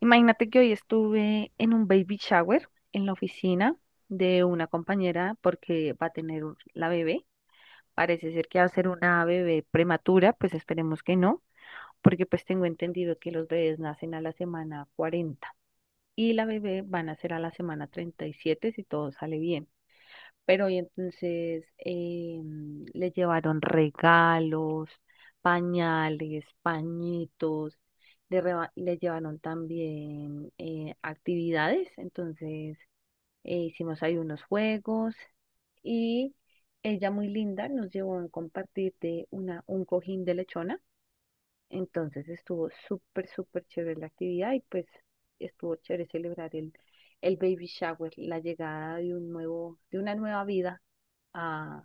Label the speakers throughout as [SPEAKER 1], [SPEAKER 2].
[SPEAKER 1] Imagínate que hoy estuve en un baby shower en la oficina de una compañera porque va a tener la bebé. Parece ser que va a ser una bebé prematura, pues esperemos que no, porque pues tengo entendido que los bebés nacen a la semana 40 y la bebé van a ser a la semana 37 si todo sale bien. Pero y entonces le llevaron regalos, pañales, pañitos, le llevaron también actividades. Entonces hicimos ahí unos juegos y ella muy linda nos llevó a compartir de un cojín de lechona. Entonces estuvo súper, súper chévere la actividad y pues estuvo chévere celebrar el baby shower, la llegada de de una nueva vida a,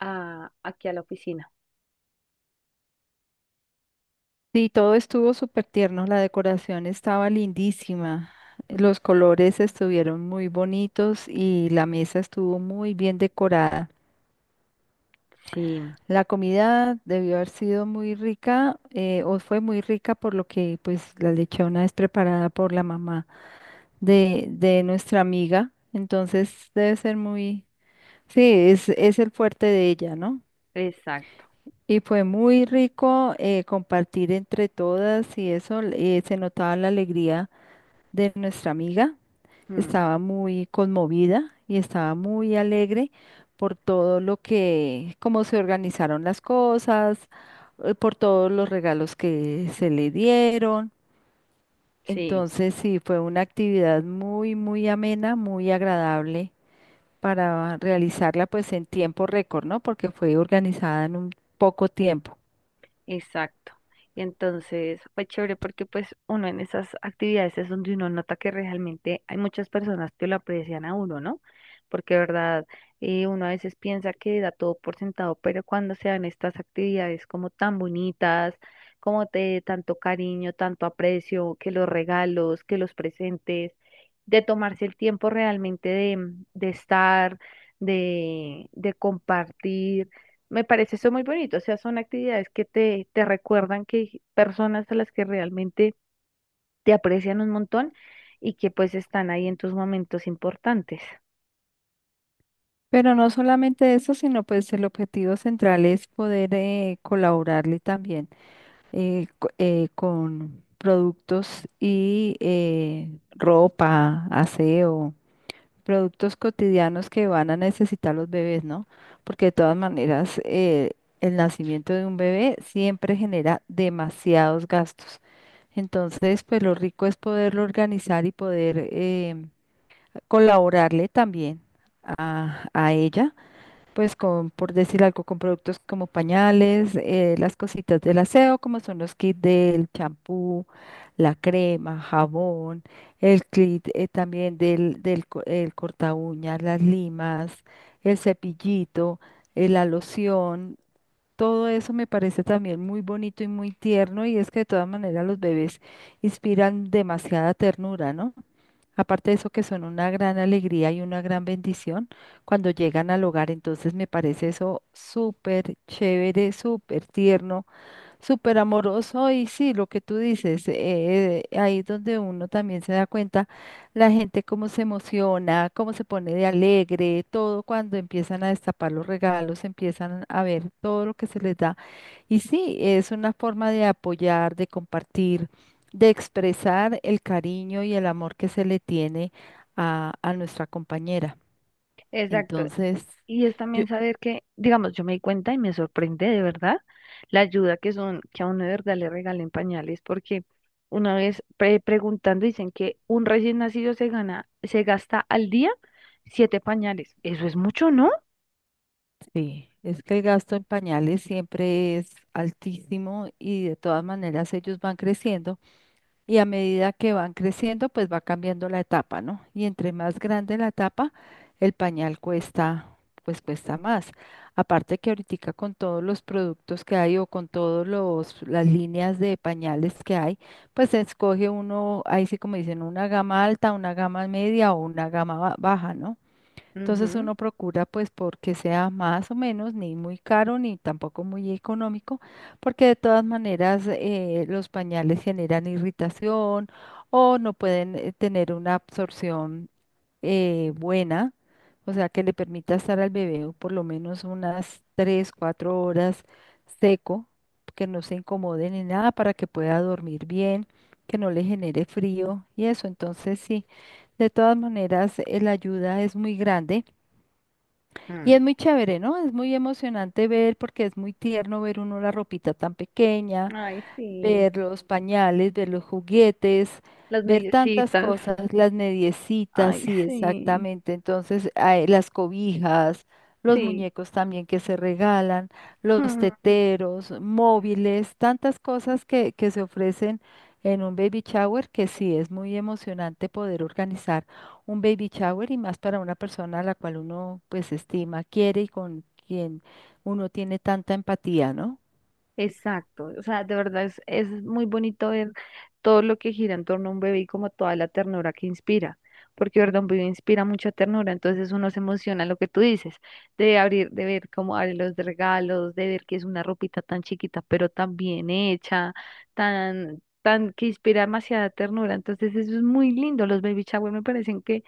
[SPEAKER 1] aquí a la oficina.
[SPEAKER 2] Sí, todo estuvo súper tierno, la decoración estaba lindísima, los colores estuvieron muy bonitos y la mesa estuvo muy bien decorada.
[SPEAKER 1] Sí,
[SPEAKER 2] La comida debió haber sido muy rica o fue muy rica por lo que pues la lechona es preparada por la mamá de nuestra amiga, entonces debe ser muy, sí, es el fuerte de ella, ¿no?
[SPEAKER 1] exacto.
[SPEAKER 2] Y fue muy rico, compartir entre todas y eso, se notaba la alegría de nuestra amiga.
[SPEAKER 1] Mm,
[SPEAKER 2] Estaba muy conmovida y estaba muy alegre por todo lo que, cómo se organizaron las cosas, por todos los regalos que se le dieron.
[SPEAKER 1] sí.
[SPEAKER 2] Entonces, sí, fue una actividad muy amena, muy agradable para realizarla pues en tiempo récord, ¿no? Porque fue organizada en un poco tiempo.
[SPEAKER 1] Exacto. Y entonces fue chévere porque pues uno en esas actividades es donde uno nota que realmente hay muchas personas que lo aprecian a uno, ¿no? Porque de verdad, uno a veces piensa que da todo por sentado, pero cuando se dan estas actividades como tan bonitas, como de tanto cariño, tanto aprecio, que los regalos, que los presentes, de tomarse el tiempo realmente de estar, de compartir. Me parece eso muy bonito, o sea, son actividades que te recuerdan que hay personas a las que realmente te aprecian un montón y que pues están ahí en tus momentos importantes.
[SPEAKER 2] Pero no solamente eso, sino pues el objetivo central es poder colaborarle también con productos y ropa, aseo, productos cotidianos que van a necesitar los bebés, ¿no? Porque de todas maneras, el nacimiento de un bebé siempre genera demasiados gastos. Entonces, pues lo rico es poderlo organizar y poder, colaborarle también a ella pues con, por decir algo, con productos como pañales, las cositas del aseo, como son los kits del champú, la crema, jabón, el kit también el corta uñas, las limas, el cepillito, la loción. Todo eso me parece también muy bonito y muy tierno, y es que de todas maneras los bebés inspiran demasiada ternura, ¿no? Aparte de eso, que son una gran alegría y una gran bendición cuando llegan al hogar. Entonces me parece eso súper chévere, súper tierno, súper amoroso y sí, lo que tú dices, ahí es donde uno también se da cuenta la gente cómo se emociona, cómo se pone de alegre, todo cuando empiezan a destapar los regalos, empiezan a ver todo lo que se les da. Y sí, es una forma de apoyar, de compartir, de expresar el cariño y el amor que se le tiene a nuestra compañera.
[SPEAKER 1] Exacto.
[SPEAKER 2] Entonces...
[SPEAKER 1] Y es
[SPEAKER 2] yo
[SPEAKER 1] también saber que, digamos, yo me di cuenta y me sorprende de verdad la ayuda que son, que a uno de verdad le regalen pañales, porque una vez preguntando dicen que un recién nacido se gana, se gasta al día siete pañales. Eso es mucho, ¿no?
[SPEAKER 2] sí, es que el gasto en pañales siempre es altísimo y de todas maneras ellos van creciendo y a medida que van creciendo pues va cambiando la etapa, ¿no? Y entre más grande la etapa, el pañal cuesta, pues cuesta más. Aparte que ahorita con todos los productos que hay o con todos los las líneas de pañales que hay, pues se escoge uno, ahí sí como dicen, una gama alta, una gama media o una gama ba- baja, ¿no? Entonces
[SPEAKER 1] Ujú.
[SPEAKER 2] uno procura pues porque sea más o menos ni muy caro ni tampoco muy económico, porque de todas maneras, los pañales generan irritación o no pueden, tener una absorción buena, o sea que le permita estar al bebé por lo menos unas 3 4 horas seco, que no se incomode ni nada para que pueda dormir bien, que no le genere frío y eso. Entonces sí, de todas maneras, la ayuda es muy grande. Y
[SPEAKER 1] Mm.
[SPEAKER 2] es muy chévere, ¿no? Es muy emocionante ver porque es muy tierno ver uno la ropita tan pequeña,
[SPEAKER 1] Ay, sí.
[SPEAKER 2] ver los pañales, ver los juguetes,
[SPEAKER 1] Las
[SPEAKER 2] ver tantas
[SPEAKER 1] mediecitas.
[SPEAKER 2] cosas, las mediecitas,
[SPEAKER 1] Ay,
[SPEAKER 2] sí,
[SPEAKER 1] sí,
[SPEAKER 2] exactamente. Entonces, hay las cobijas, los
[SPEAKER 1] sí.
[SPEAKER 2] muñecos también que se regalan, los
[SPEAKER 1] Mm.
[SPEAKER 2] teteros, móviles, tantas cosas que se ofrecen en un baby shower, que sí es muy emocionante poder organizar un baby shower y más para una persona a la cual uno pues estima, quiere y con quien uno tiene tanta empatía, ¿no?
[SPEAKER 1] Exacto. O sea, de verdad es muy bonito ver todo lo que gira en torno a un bebé y como toda la ternura que inspira. Porque, de verdad, un bebé inspira mucha ternura. Entonces uno se emociona lo que tú dices, de abrir, de ver cómo abre los de regalos, de ver que es una ropita tan chiquita, pero tan bien hecha, tan, tan, que inspira demasiada ternura. Entonces eso es muy lindo. Los baby shower me parecen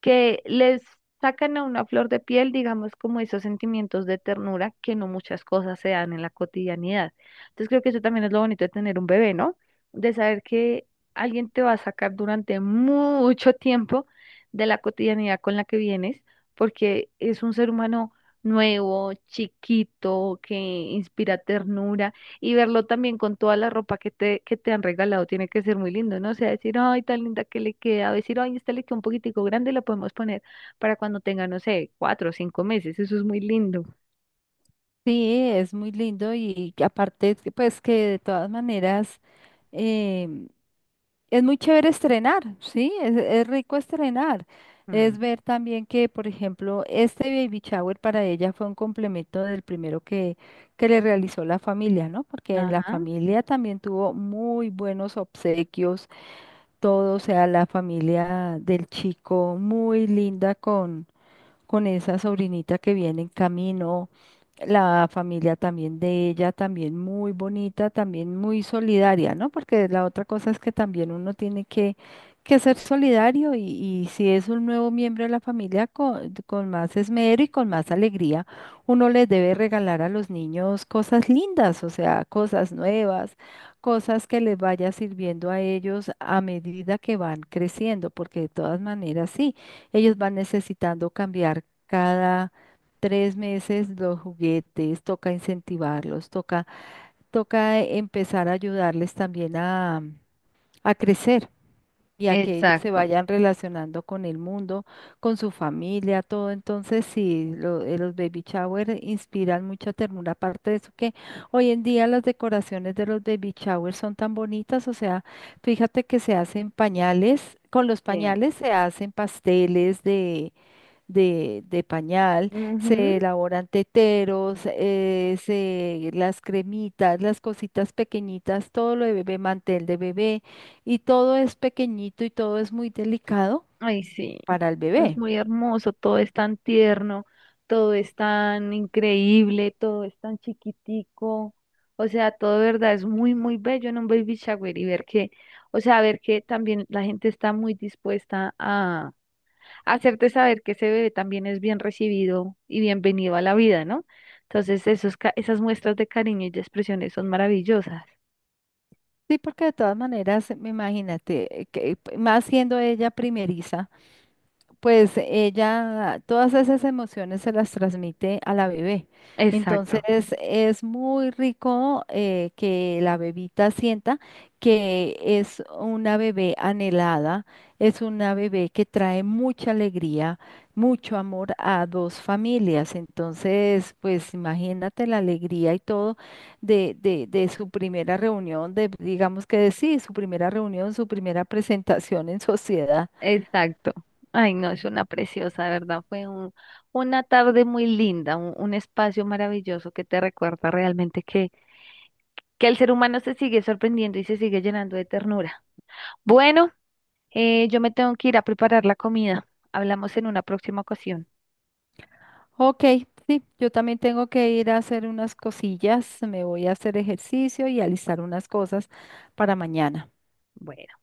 [SPEAKER 1] que les sacan a una flor de piel, digamos, como esos sentimientos de ternura que no muchas cosas se dan en la cotidianidad. Entonces creo que eso también es lo bonito de tener un bebé, ¿no? De saber que alguien te va a sacar durante mucho tiempo de la cotidianidad con la que vienes, porque es un ser humano nuevo, chiquito, que inspira ternura y verlo también con toda la ropa que te han regalado tiene que ser muy lindo, ¿no? O sea, decir, ay, tan linda que le queda, o decir, ay, esta le queda un poquitico grande, la podemos poner para cuando tenga, no sé, 4 o 5 meses. Eso es muy lindo.
[SPEAKER 2] Sí, es muy lindo y que aparte, que, pues que de todas maneras, em, es muy chévere estrenar, ¿sí? Es rico estrenar. Es
[SPEAKER 1] Mm.
[SPEAKER 2] ver también que, por ejemplo, este baby shower para ella fue un complemento del primero que le realizó la familia, ¿no? Porque en la
[SPEAKER 1] Ajá.
[SPEAKER 2] familia también tuvo muy buenos obsequios, todo, o sea, la familia del chico, muy linda con esa sobrinita que viene en camino, la familia también de ella, también muy bonita, también muy solidaria, ¿no? Porque la otra cosa es que también uno tiene que ser solidario y si es un nuevo miembro de la familia, con más esmero y con más alegría, uno les debe regalar a los niños cosas lindas, o sea, cosas nuevas, cosas que les vaya sirviendo a ellos a medida que van creciendo, porque de todas maneras sí. Ellos van necesitando cambiar cada tres meses los juguetes, toca incentivarlos, toca, toca empezar a ayudarles también a crecer y a que ellos se
[SPEAKER 1] Exacto.
[SPEAKER 2] vayan relacionando con el mundo, con su familia, todo. Entonces, sí, los baby shower inspiran mucha ternura, aparte de eso que hoy en día las decoraciones de los baby shower son tan bonitas, o sea, fíjate que se hacen pañales, con los
[SPEAKER 1] Sí.
[SPEAKER 2] pañales se hacen pasteles de pañal, se elaboran teteros, las cremitas, las cositas pequeñitas, todo lo de bebé, mantel de bebé, y todo es pequeñito y todo es muy delicado
[SPEAKER 1] Ay, sí,
[SPEAKER 2] para el
[SPEAKER 1] es
[SPEAKER 2] bebé.
[SPEAKER 1] muy hermoso, todo es tan tierno, todo es tan increíble, todo es tan chiquitico, o sea, todo de verdad es muy, muy bello en un baby shower y ver que, o sea, ver que también la gente está muy dispuesta a hacerte saber que ese bebé también es bien recibido y bienvenido a la vida, ¿no? Entonces, esas muestras de cariño y de expresiones son maravillosas.
[SPEAKER 2] Sí, porque de todas maneras, imagínate, más siendo ella primeriza, pues ella todas esas emociones se las transmite a la bebé. Entonces
[SPEAKER 1] Exacto.
[SPEAKER 2] es muy rico, que la bebita sienta que es una bebé anhelada, es una bebé que trae mucha alegría, mucho amor a dos familias. Entonces, pues imagínate la alegría y todo de su primera reunión, de digamos que de sí, su primera reunión, su primera presentación en sociedad.
[SPEAKER 1] Exacto. Ay, no, es una preciosa, de verdad. Fue una tarde muy linda, un espacio maravilloso que te recuerda realmente que el ser humano se sigue sorprendiendo y se sigue llenando de ternura. Bueno, yo me tengo que ir a preparar la comida. Hablamos en una próxima ocasión.
[SPEAKER 2] Ok, sí, yo también tengo que ir a hacer unas cosillas, me voy a hacer ejercicio y alistar unas cosas para mañana.
[SPEAKER 1] Bueno.